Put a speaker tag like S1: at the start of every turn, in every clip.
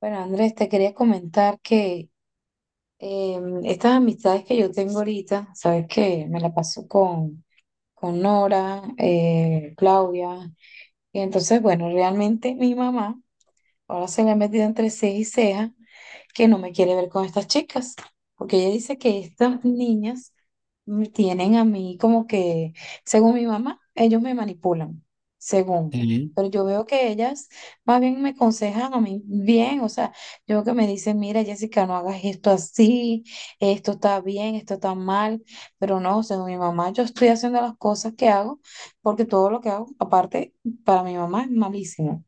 S1: Bueno, Andrés, te quería comentar que estas amistades que yo tengo ahorita, sabes que me la paso con Nora, Claudia, y entonces, bueno, realmente mi mamá. Ahora se le ha metido entre ceja y ceja que no me quiere ver con estas chicas, porque ella dice que estas niñas me tienen a mí como que, según mi mamá, ellos me manipulan, según.
S2: Sí.
S1: Pero yo veo que ellas más bien me aconsejan a mí bien, o sea, yo veo que me dicen, mira, Jessica, no hagas esto así, esto está bien, esto está mal, pero no, según mi mamá, yo estoy haciendo las cosas que hago, porque todo lo que hago, aparte, para mi mamá es malísimo.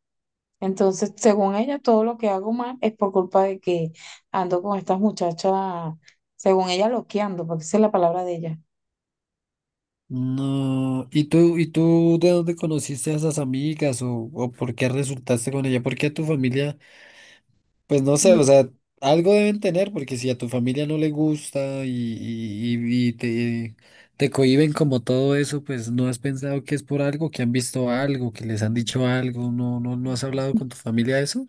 S1: Entonces, según ella, todo lo que hago mal es por culpa de que ando con estas muchachas, según ella, loqueando, porque esa es la palabra de ella.
S2: No. Y tú de dónde conociste a esas amigas o por qué resultaste con ella? ¿Por qué a tu familia? Pues no sé, o
S1: Mira,
S2: sea, algo deben tener, porque si a tu familia no le gusta y te, te cohíben como todo eso, pues no has pensado que es por algo, que han visto algo, que les han dicho algo, no has hablado con tu familia de eso.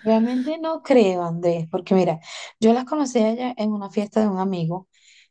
S1: realmente no creo, Andrés, porque mira, yo las conocí a ellas en una fiesta de un amigo.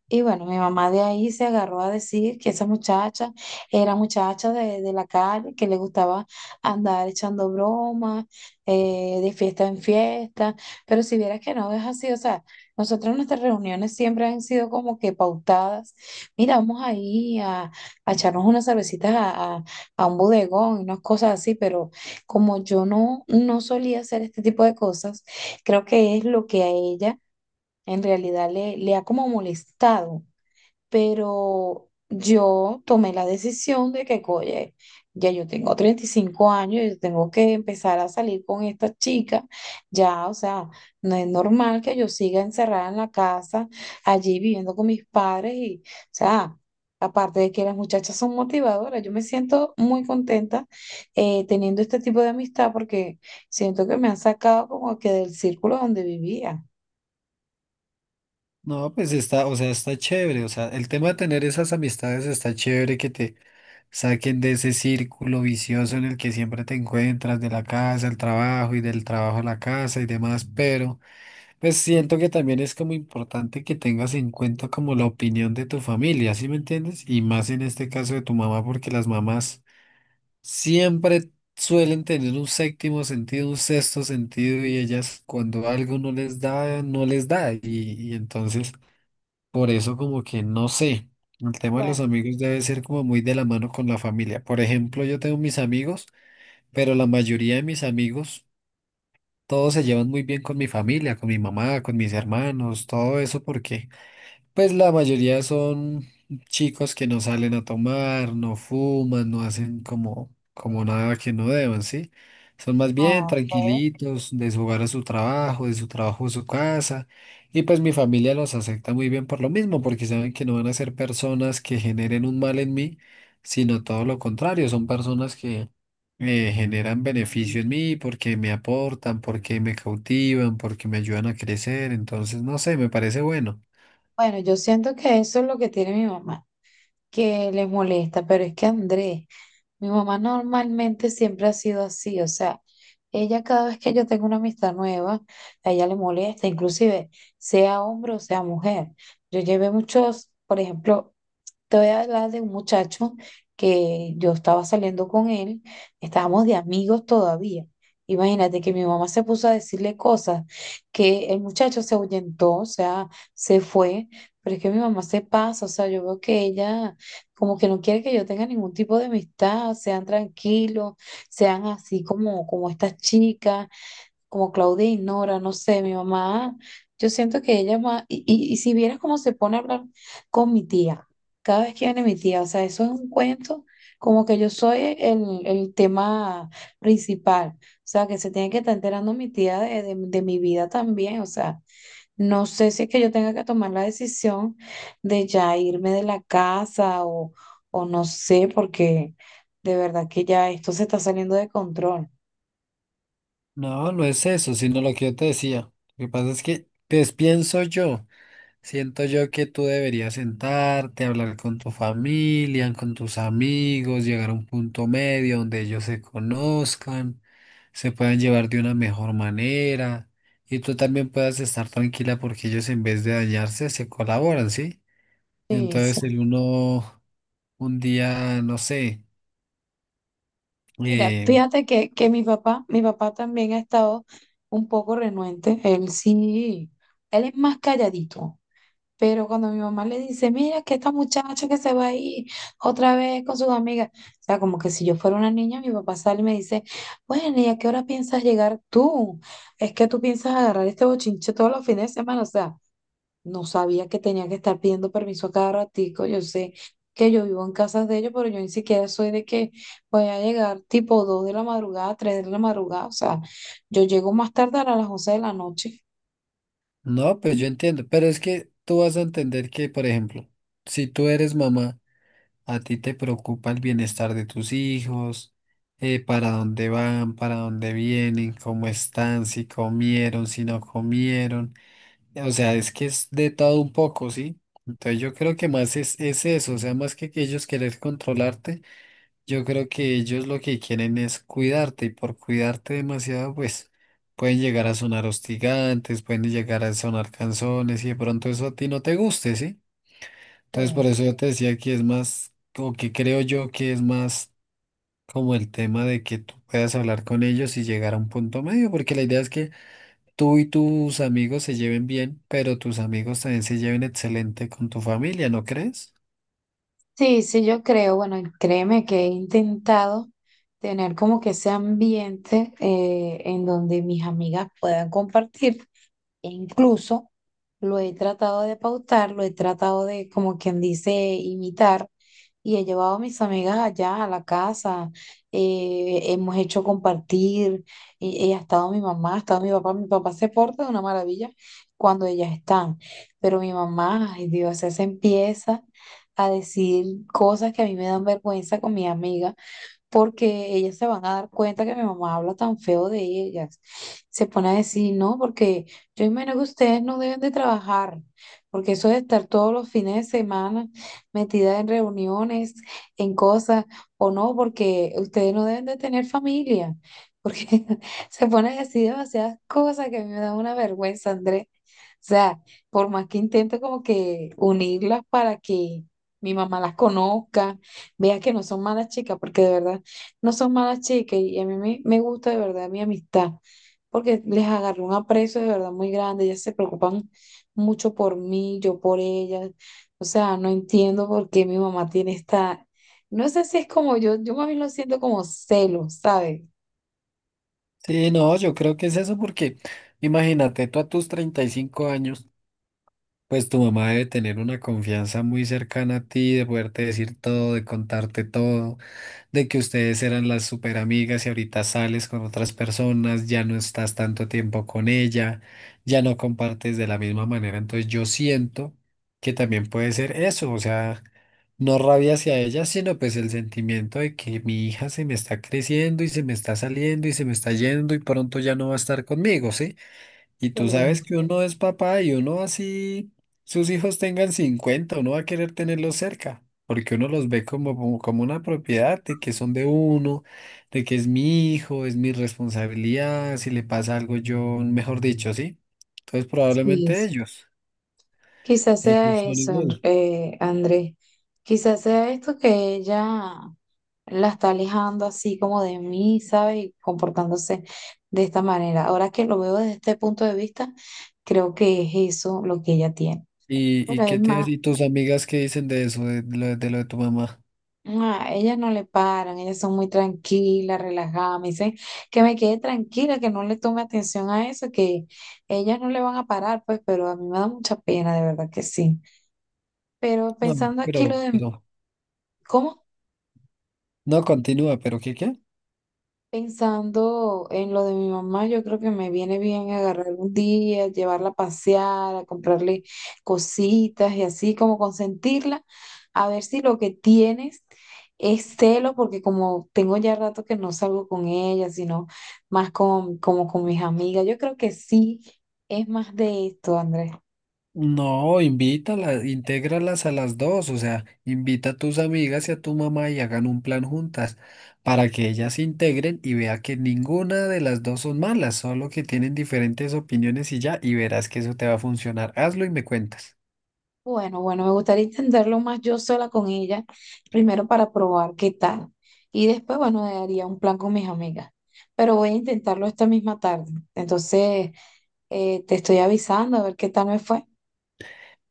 S1: Y bueno, mi mamá de ahí se agarró a decir que esa muchacha era muchacha de la calle, que le gustaba andar echando bromas, de fiesta en fiesta, pero si vieras que no es así, o sea, nosotros nuestras reuniones siempre han sido como que pautadas, mira, vamos ahí a echarnos unas cervecitas a un bodegón y unas cosas así, pero como yo no solía hacer este tipo de cosas, creo que es lo que a ella en realidad le ha como molestado pero yo tomé la decisión de que, oye, ya yo tengo 35 años, yo tengo que empezar a salir con esta chica, ya, o sea, no es normal que yo siga encerrada en la casa, allí viviendo con mis padres y, o sea... Aparte de que las muchachas son motivadoras, yo me siento muy contenta teniendo este tipo de amistad porque siento que me han sacado como que del círculo donde vivía.
S2: No, pues está, o sea, está chévere, o sea, el tema de tener esas amistades está chévere que te saquen de ese círculo vicioso en el que siempre te encuentras de la casa al trabajo y del trabajo a la casa y demás, pero pues siento que también es como importante que tengas en cuenta como la opinión de tu familia, ¿sí me entiendes? Y más en este caso de tu mamá, porque las mamás siempre suelen tener un séptimo sentido, un sexto sentido y ellas cuando algo no les da, no les da y entonces... Por eso como que no sé, el tema de
S1: Bueno,
S2: los amigos debe ser como muy de la mano con la familia. Por ejemplo, yo tengo mis amigos, pero la mayoría de mis amigos, todos se llevan muy bien con mi familia, con mi mamá, con mis hermanos, todo eso porque... Pues la mayoría son chicos que no salen a tomar, no fuman, no hacen como, como nada que no deban, ¿sí? Son más bien
S1: ok.
S2: tranquilitos, de su hogar a su trabajo, de su trabajo a su casa. Y pues mi familia los acepta muy bien por lo mismo, porque saben que no van a ser personas que generen un mal en mí, sino todo lo contrario, son personas que generan beneficio en mí porque me aportan, porque me cautivan, porque me ayudan a crecer. Entonces, no sé, me parece bueno.
S1: Bueno, yo siento que eso es lo que tiene mi mamá, que les molesta, pero es que Andrés, mi mamá normalmente siempre ha sido así, o sea, ella cada vez que yo tengo una amistad nueva, a ella le molesta, inclusive sea hombre o sea mujer. Yo llevé muchos, por ejemplo, te voy a hablar de un muchacho que yo estaba saliendo con él, estábamos de amigos todavía. Imagínate que mi mamá se puso a decirle cosas, que el muchacho se ahuyentó, o sea, se fue, pero es que mi mamá se pasa, o sea, yo veo que ella como que no quiere que yo tenga ningún tipo de amistad, sean tranquilos, sean así como, como estas chicas como Claudine, Nora, no sé, mi mamá, yo siento que ella más, y si vieras cómo se pone a hablar con mi tía, cada vez que viene mi tía, o sea, eso es un cuento, como que yo soy el tema principal, o sea, que se tiene que estar enterando mi tía de mi vida también, o sea, no sé si es que yo tenga que tomar la decisión de ya irme de la casa o no sé, porque de verdad que ya esto se está saliendo de control.
S2: No, no es eso, sino lo que yo te decía. Lo que pasa es que, pues pienso yo, siento yo que tú deberías sentarte, hablar con tu familia, con tus amigos, llegar a un punto medio donde ellos se conozcan, se puedan llevar de una mejor manera y tú también puedas estar tranquila porque ellos en vez de dañarse se colaboran, ¿sí?
S1: Sí, sí.
S2: Entonces el uno, un día, no sé.
S1: Mira,
S2: eh,
S1: fíjate que, mi papá también ha estado un poco renuente. Él sí, él es más calladito, pero cuando mi mamá le dice, mira, que esta muchacha que se va a ir otra vez con sus amigas, o sea, como que si yo fuera una niña, mi papá sale y me dice, bueno, ¿y a qué hora piensas llegar tú? Es que tú piensas agarrar este bochinche todos los fines de semana, o sea. No sabía que tenía que estar pidiendo permiso a cada ratico. Yo sé que yo vivo en casas de ellos, pero yo ni siquiera soy de que voy a llegar tipo 2 de la madrugada, 3 de la madrugada. O sea, yo llego más tardar a las 11 de la noche.
S2: No, pues yo entiendo, pero es que tú vas a entender que, por ejemplo, si tú eres mamá, a ti te preocupa el bienestar de tus hijos, para dónde van, para dónde vienen, cómo están, si comieron, si no comieron. O sea, es que es de todo un poco, ¿sí? Entonces yo creo que más es eso, o sea, más que ellos querer controlarte. Yo creo que ellos lo que quieren es cuidarte y por cuidarte demasiado, pues pueden llegar a sonar hostigantes, pueden llegar a sonar canzones y de pronto eso a ti no te guste, ¿sí? Entonces por
S1: Sí,
S2: eso yo te decía que es más, o que creo yo que es más como el tema de que tú puedas hablar con ellos y llegar a un punto medio, porque la idea es que tú y tus amigos se lleven bien, pero tus amigos también se lleven excelente con tu familia, ¿no crees?
S1: sí, sí, yo creo. Bueno, y créeme que he intentado tener como que ese ambiente en donde mis amigas puedan compartir. E incluso lo he tratado de pautar, lo he tratado de, como quien dice, imitar. Y he llevado a mis amigas allá a la casa. Hemos hecho compartir. Y ha estado mi mamá, ha estado mi papá. Mi papá se porta de una maravilla cuando ellas están. Pero mi mamá, ay Dios, ella se empieza a decir cosas que a mí me dan vergüenza con mi amiga porque ellas se van a dar cuenta que mi mamá habla tan feo de ellas. Se pone a decir, no, porque yo imagino que ustedes no deben de trabajar, porque eso de estar todos los fines de semana metida en reuniones, en cosas, o no, porque ustedes no deben de tener familia, porque se pone a decir demasiadas cosas que a mí me da una vergüenza, Andrés. O sea, por más que intento como que unirlas para que mi mamá las conozca, vea que no son malas chicas, porque de verdad no son malas chicas y a mí me gusta de verdad mi amistad, porque les agarré un aprecio de verdad muy grande, ellas se preocupan mucho por mí, yo por ellas, o sea, no entiendo por qué mi mamá tiene esta, no sé si es como yo, más bien lo siento como celos, ¿sabes?
S2: Sí, no, yo creo que es eso porque imagínate tú a tus 35 años. Pues tu mamá debe tener una confianza muy cercana a ti, de poderte decir todo, de contarte todo, de que ustedes eran las super amigas y ahorita sales con otras personas, ya no estás tanto tiempo con ella, ya no compartes de la misma manera. Entonces yo siento que también puede ser eso, o sea, no rabia hacia ella, sino pues el sentimiento de que mi hija se me está creciendo y se me está saliendo y se me está yendo y pronto ya no va a estar conmigo, ¿sí? Y tú
S1: Sí.
S2: sabes que uno es papá y uno así sus hijos tengan 50 uno va a querer tenerlos cerca, porque uno los ve como, como, como una propiedad de que son de uno, de que es mi hijo, es mi responsabilidad, si le pasa algo yo, mejor dicho, ¿sí? Entonces
S1: Sí,
S2: probablemente
S1: sí.
S2: ellos,
S1: Quizás
S2: ellos
S1: sea
S2: son
S1: eso,
S2: igual.
S1: Andrés, quizás sea esto que ella... la está alejando así como de mí, ¿sabe? Y comportándose de esta manera. Ahora que lo veo desde este punto de vista, creo que es eso lo que ella tiene. Bueno,
S2: Y
S1: es
S2: qué te
S1: más,
S2: y tus amigas qué dicen de eso, de, lo de lo de tu mamá?
S1: ah, ellas no le paran, ellas son muy tranquilas, relajadas, me dicen que me quede tranquila, que no le tome atención a eso, que ellas no le van a parar, pues, pero a mí me da mucha pena, de verdad que sí. Pero
S2: No,
S1: pensando aquí lo de,
S2: pero,
S1: ¿cómo?
S2: no, continúa, pero ¿qué?
S1: Pensando en lo de mi mamá, yo creo que me viene bien agarrar un día, llevarla a pasear, a comprarle cositas y así como consentirla, a ver si lo que tienes es celo, porque como tengo ya rato que no salgo con ella, sino más con, como con mis amigas, yo creo que sí es más de esto, Andrés.
S2: No, invítalas, intégralas a las dos, o sea, invita a tus amigas y a tu mamá y hagan un plan juntas para que ellas se integren y vea que ninguna de las dos son malas, solo que tienen diferentes opiniones y ya, y verás que eso te va a funcionar. Hazlo y me cuentas.
S1: Bueno, bueno, me gustaría intentarlo más yo sola con ella, primero para probar qué tal. Y después, bueno, haría un plan con mis amigas. Pero voy a intentarlo esta misma tarde. Entonces, te estoy avisando a ver qué tal me fue.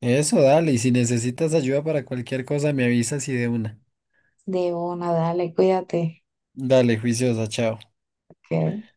S2: Eso, dale, y si necesitas ayuda para cualquier cosa, me avisas y de una.
S1: De una, dale, cuídate.
S2: Dale, juiciosa, chao.
S1: Que